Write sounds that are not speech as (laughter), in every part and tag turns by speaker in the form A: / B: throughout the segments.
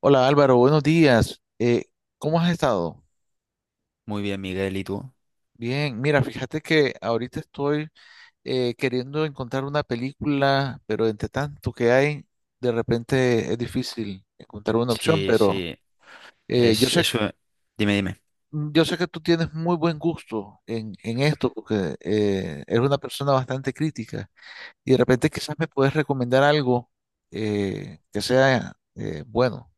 A: Hola Álvaro, buenos días. ¿Cómo has estado?
B: Muy bien, Miguel, ¿y tú?
A: Bien, mira, fíjate que ahorita estoy queriendo encontrar una película, pero entre tanto que hay, de repente es difícil encontrar una opción,
B: Sí,
A: pero
B: sí,
A: yo
B: es
A: sé,
B: eso. Dime, dime.
A: yo sé que tú tienes muy buen gusto en esto, porque eres una persona bastante crítica, y de repente quizás me puedes recomendar algo que sea bueno.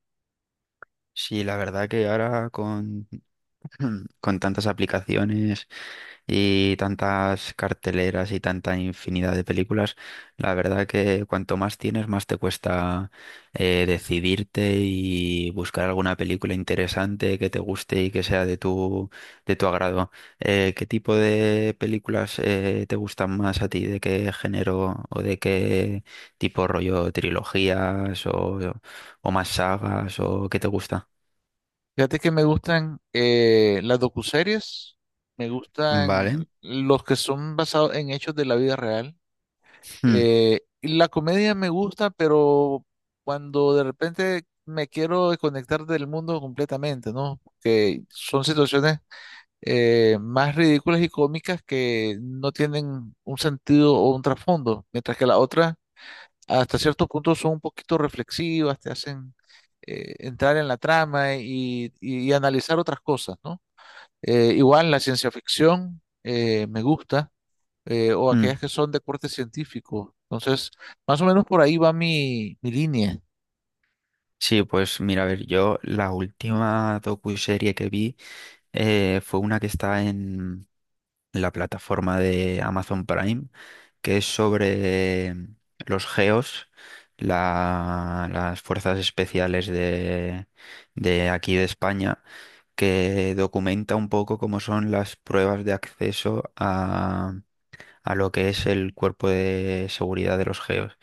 B: Sí, la verdad que ahora con, (clears throat) con tantas aplicaciones y tantas carteleras y tanta infinidad de películas, la verdad que cuanto más tienes, más te cuesta decidirte y buscar alguna película interesante que te guste y que sea de tu agrado. ¿Qué tipo de películas te gustan más a ti? ¿De qué género o de qué tipo rollo trilogías o más sagas o qué te gusta?
A: Fíjate que me gustan las docuseries, me
B: Vale.
A: gustan los que son basados en hechos de la vida real.
B: Mm,
A: Y la comedia me gusta, pero cuando de repente me quiero desconectar del mundo completamente, ¿no? Que son situaciones más ridículas y cómicas que no tienen un sentido o un trasfondo, mientras que la otra hasta cierto punto son un poquito reflexivas, te hacen entrar en la trama y analizar otras cosas, ¿no? Igual la ciencia ficción me gusta, o
B: mm.
A: aquellas que son de corte científico. Entonces, más o menos por ahí va mi línea.
B: Sí, pues mira, a ver, yo la última docuserie que vi fue una que está en la plataforma de Amazon Prime, que es sobre los GEOs, las fuerzas especiales de aquí de España, que documenta un poco cómo son las pruebas de acceso a lo que es el cuerpo de seguridad de los GEOs.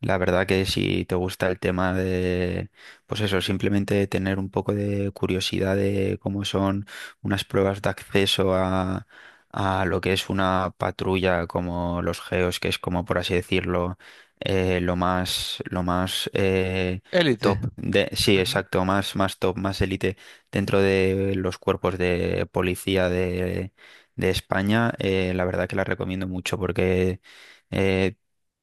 B: La verdad que si te gusta el tema de, pues eso, simplemente tener un poco de curiosidad de cómo son unas pruebas de acceso a lo que es una patrulla como los GEOS, que es como por así decirlo, lo más
A: Élite.
B: top de, sí,
A: Ujú.
B: exacto, más top, más élite dentro de los cuerpos de policía de España, la verdad que la recomiendo mucho porque eh,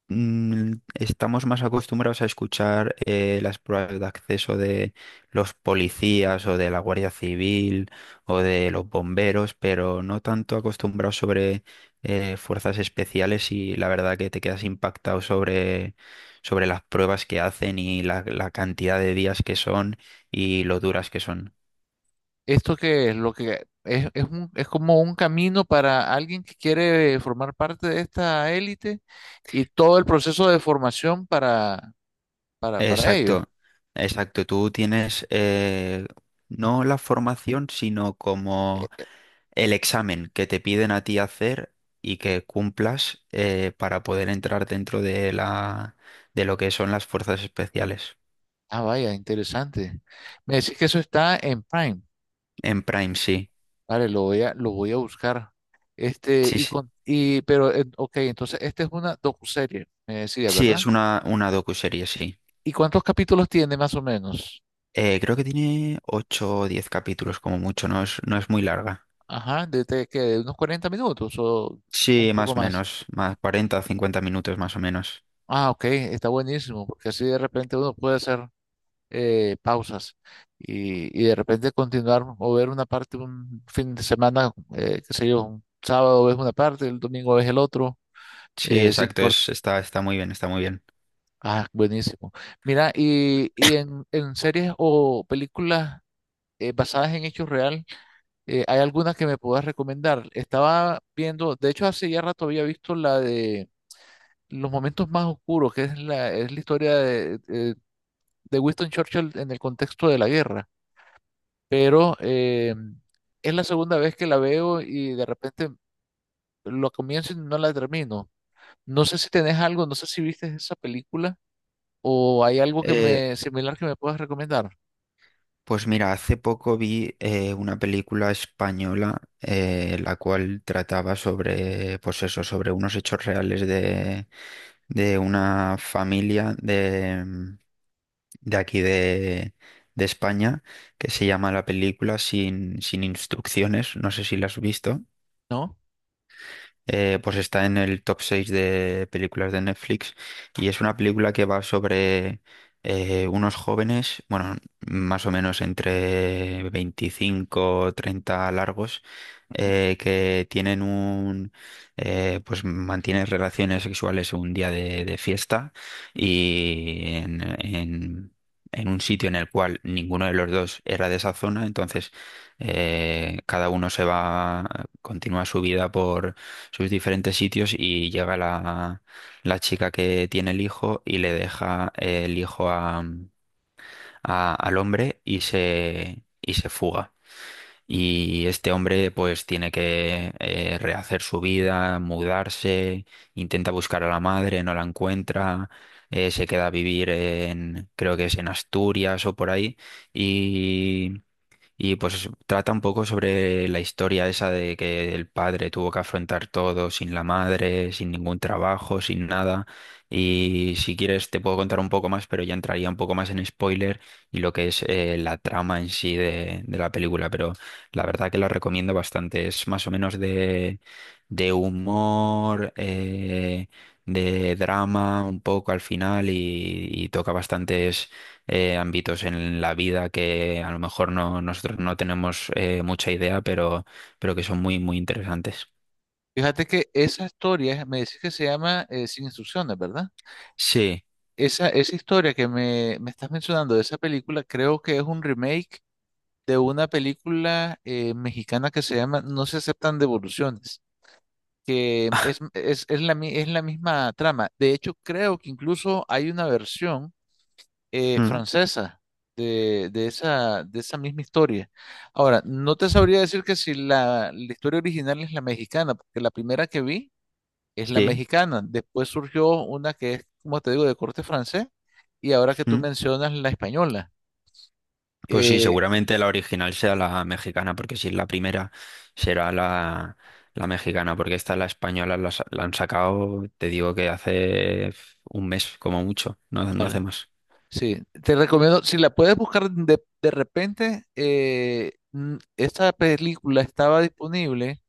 B: estamos más acostumbrados a escuchar las pruebas de acceso de los policías o de la Guardia Civil o de los bomberos, pero no tanto acostumbrados sobre fuerzas especiales, y la verdad que te quedas impactado sobre las pruebas que hacen y la cantidad de días que son y lo duras que son.
A: Esto que es lo que es, es como un camino para alguien que quiere formar parte de esta élite y todo el proceso de formación para ello.
B: Exacto, exacto. Tú tienes no la formación, sino como el examen que te piden a ti hacer y que cumplas para poder entrar dentro de lo que son las fuerzas especiales.
A: Ah, vaya, interesante. Me decís que eso está en Prime.
B: En Prime, sí.
A: Vale, lo voy a buscar. Este,
B: Sí,
A: y
B: sí.
A: con, y, pero, eh, ok, entonces esta es una docuserie, me decía,
B: Sí, es
A: ¿verdad?
B: una docuserie, sí.
A: ¿Y cuántos capítulos tiene más o menos?
B: Creo que tiene 8 o 10 capítulos como mucho, no es muy larga.
A: Ajá, de unos 40 minutos o un
B: Sí,
A: poco
B: más o
A: más.
B: menos, más 40 o 50 minutos más o menos.
A: Ah, ok, está buenísimo, porque así de repente uno puede hacer pausas y de repente continuar o ver una parte un fin de semana, qué sé yo, un sábado ves una parte, el domingo ves el otro.
B: Sí,
A: Es
B: exacto,
A: importante.
B: está muy bien, está muy bien.
A: Ah, buenísimo. Mira, en series o películas basadas en hechos real, ¿hay alguna que me puedas recomendar? Estaba viendo, de hecho hace ya rato había visto la de Los Momentos Más Oscuros, que es es la historia de Winston Churchill en el contexto de la guerra, pero es la segunda vez que la veo y de repente lo comienzo y no la termino. No sé si tenés algo, no sé si viste esa película, o hay algo que
B: Eh,
A: me similar que me puedas recomendar,
B: Pues mira, hace poco vi una película española la cual trataba sobre, pues eso, sobre unos hechos reales de una familia de aquí de España, que se llama la película Sin Instrucciones, no sé si la has visto.
A: ¿no?
B: Pues está en el top 6 de películas de Netflix y es una película que va sobre unos jóvenes, bueno, más o menos entre 25 o 30 largos, que tienen pues mantienen relaciones sexuales un día de fiesta y en un sitio en el cual ninguno de los dos era de esa zona, entonces cada uno se va, continúa su vida por, sus diferentes sitios, y llega la chica que tiene el hijo y le deja el hijo al hombre se fuga. Y este hombre pues tiene que rehacer su vida, mudarse, intenta buscar a la madre, no la encuentra, se queda a vivir en, creo que es en Asturias o por ahí, y pues trata un poco sobre la historia esa de que el padre tuvo que afrontar todo sin la madre, sin ningún trabajo, sin nada. Y si quieres te puedo contar un poco más, pero ya entraría un poco más en spoiler y lo que es la trama en sí de la película. Pero la verdad que la recomiendo bastante. Es más o menos de humor, de drama un poco al final, y toca bastantes ámbitos en la vida que a lo mejor no, nosotros no tenemos mucha idea, pero que son muy, muy interesantes.
A: Fíjate que esa historia, me decís que se llama Sin Instrucciones, ¿verdad?
B: Sí,
A: Esa historia me estás mencionando de esa película, creo que es un remake de una película mexicana que se llama No Se Aceptan Devoluciones, que es la, es la misma trama. De hecho, creo que incluso hay una versión
B: mm,
A: francesa de esa misma historia. Ahora, no te sabría decir que si la historia original es la mexicana, porque la primera que vi es la
B: sí.
A: mexicana. Después surgió una que es, como te digo, de corte francés, y ahora que tú
B: Mm.
A: mencionas la española.
B: Pues sí,
A: Eh,
B: seguramente la original sea la mexicana, porque si es la primera, será la mexicana, porque esta, la española, la han sacado, te digo que hace un mes como mucho, no hace
A: vale.
B: más.
A: Sí, te recomiendo, si la puedes buscar de repente, esta película estaba disponible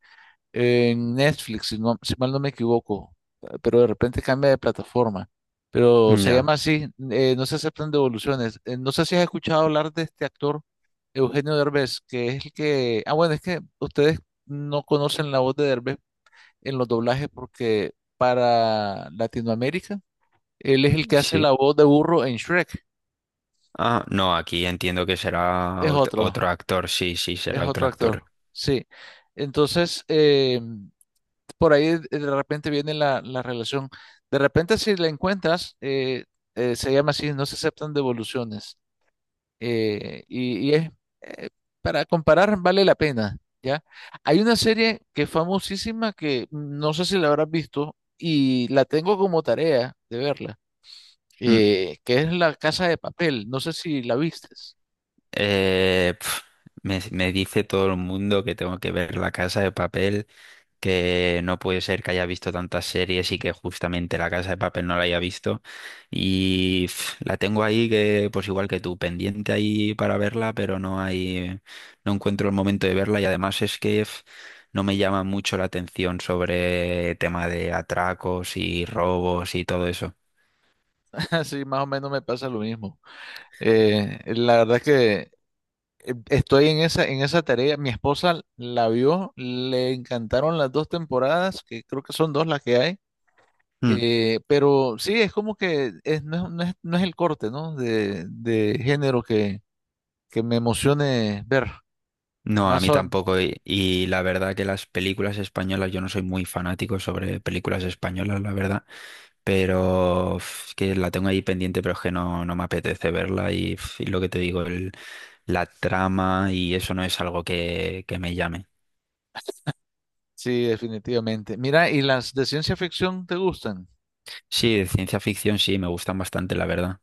A: en Netflix, si mal no me equivoco, pero de repente cambia de plataforma. Pero se
B: Ya,
A: llama así, no se aceptan devoluciones. No sé si has escuchado hablar de este actor, Eugenio Derbez, que es el que... Ah, bueno, es que ustedes no conocen la voz de Derbez en los doblajes porque para Latinoamérica, él es el que hace
B: sí.
A: la voz de burro en Shrek.
B: Ah, no, aquí entiendo que será
A: Es otro,
B: otro actor, sí, sí,
A: es
B: será
A: otro
B: otro
A: actor,
B: actor.
A: sí. Entonces, por ahí de repente viene la relación. De repente si la encuentras, se llama así, no se aceptan devoluciones. Eh, y, y es, eh, para comparar, vale la pena, ¿ya? Hay una serie que es famosísima que no sé si la habrás visto y la tengo como tarea de verla, que es La Casa de Papel. No sé si la vistes.
B: Eh, pf, me dice todo el mundo que tengo que ver La Casa de Papel, que no puede ser que haya visto tantas series y que justamente La Casa de Papel no la haya visto. Y la tengo ahí que, pues igual que tú, pendiente ahí para verla, pero no encuentro el momento de verla, y además es que no me llama mucho la atención sobre tema de atracos y robos y todo eso.
A: (laughs) Así más o menos me pasa lo mismo. La verdad que estoy en esa tarea. Mi esposa la vio, le encantaron las dos temporadas, que creo que son dos las que hay.
B: Hmm.
A: Pero sí, es como que no es- el corte, ¿no? De género que me emocione ver.
B: No, a
A: Más
B: mí
A: o-
B: tampoco. Y la verdad que las películas españolas, yo no soy muy fanático sobre películas españolas, la verdad. Pero uf, es que la tengo ahí pendiente, pero es que no me apetece verla. Y lo que te digo, la trama y eso no es algo que me llame.
A: sí, definitivamente. Mira, ¿y las de ciencia ficción te gustan?
B: Sí, de ciencia ficción sí, me gustan bastante, la verdad.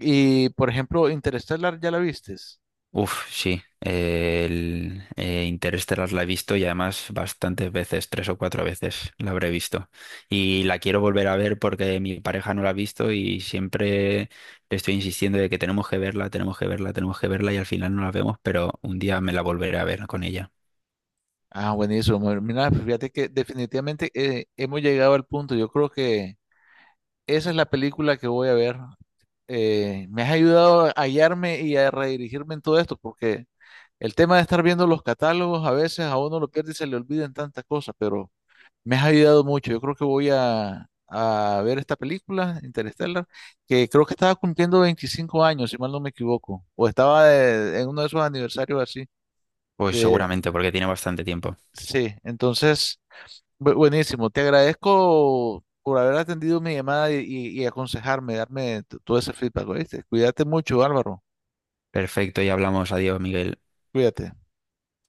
A: Y, por ejemplo, Interstellar, ¿ya la vistes?
B: Uf, sí. El Interestelar la he visto, y además bastantes veces, tres o cuatro veces la habré visto. Y la quiero volver a ver porque mi pareja no la ha visto, y siempre le estoy insistiendo de que tenemos que verla, tenemos que verla, tenemos que verla, y al final no la vemos, pero un día me la volveré a ver con ella.
A: Ah, buenísimo. Mira, fíjate que definitivamente hemos llegado al punto. Yo creo que esa es la película que voy a ver. Me has ayudado a hallarme y a redirigirme en todo esto, porque el tema de estar viendo los catálogos a veces a uno lo pierde y se le olvidan tantas cosas, pero me has ayudado mucho. Yo creo que a ver esta película, Interstellar, que creo que estaba cumpliendo 25 años, si mal no me equivoco, o estaba en uno de esos aniversarios así.
B: Pues
A: De,
B: seguramente porque tiene bastante tiempo.
A: sí, entonces buenísimo, te agradezco por haber atendido mi llamada y aconsejarme, darme todo ese feedback, ¿oíste? Cuídate mucho, Álvaro,
B: Perfecto, y hablamos. Adiós, Miguel.
A: cuídate.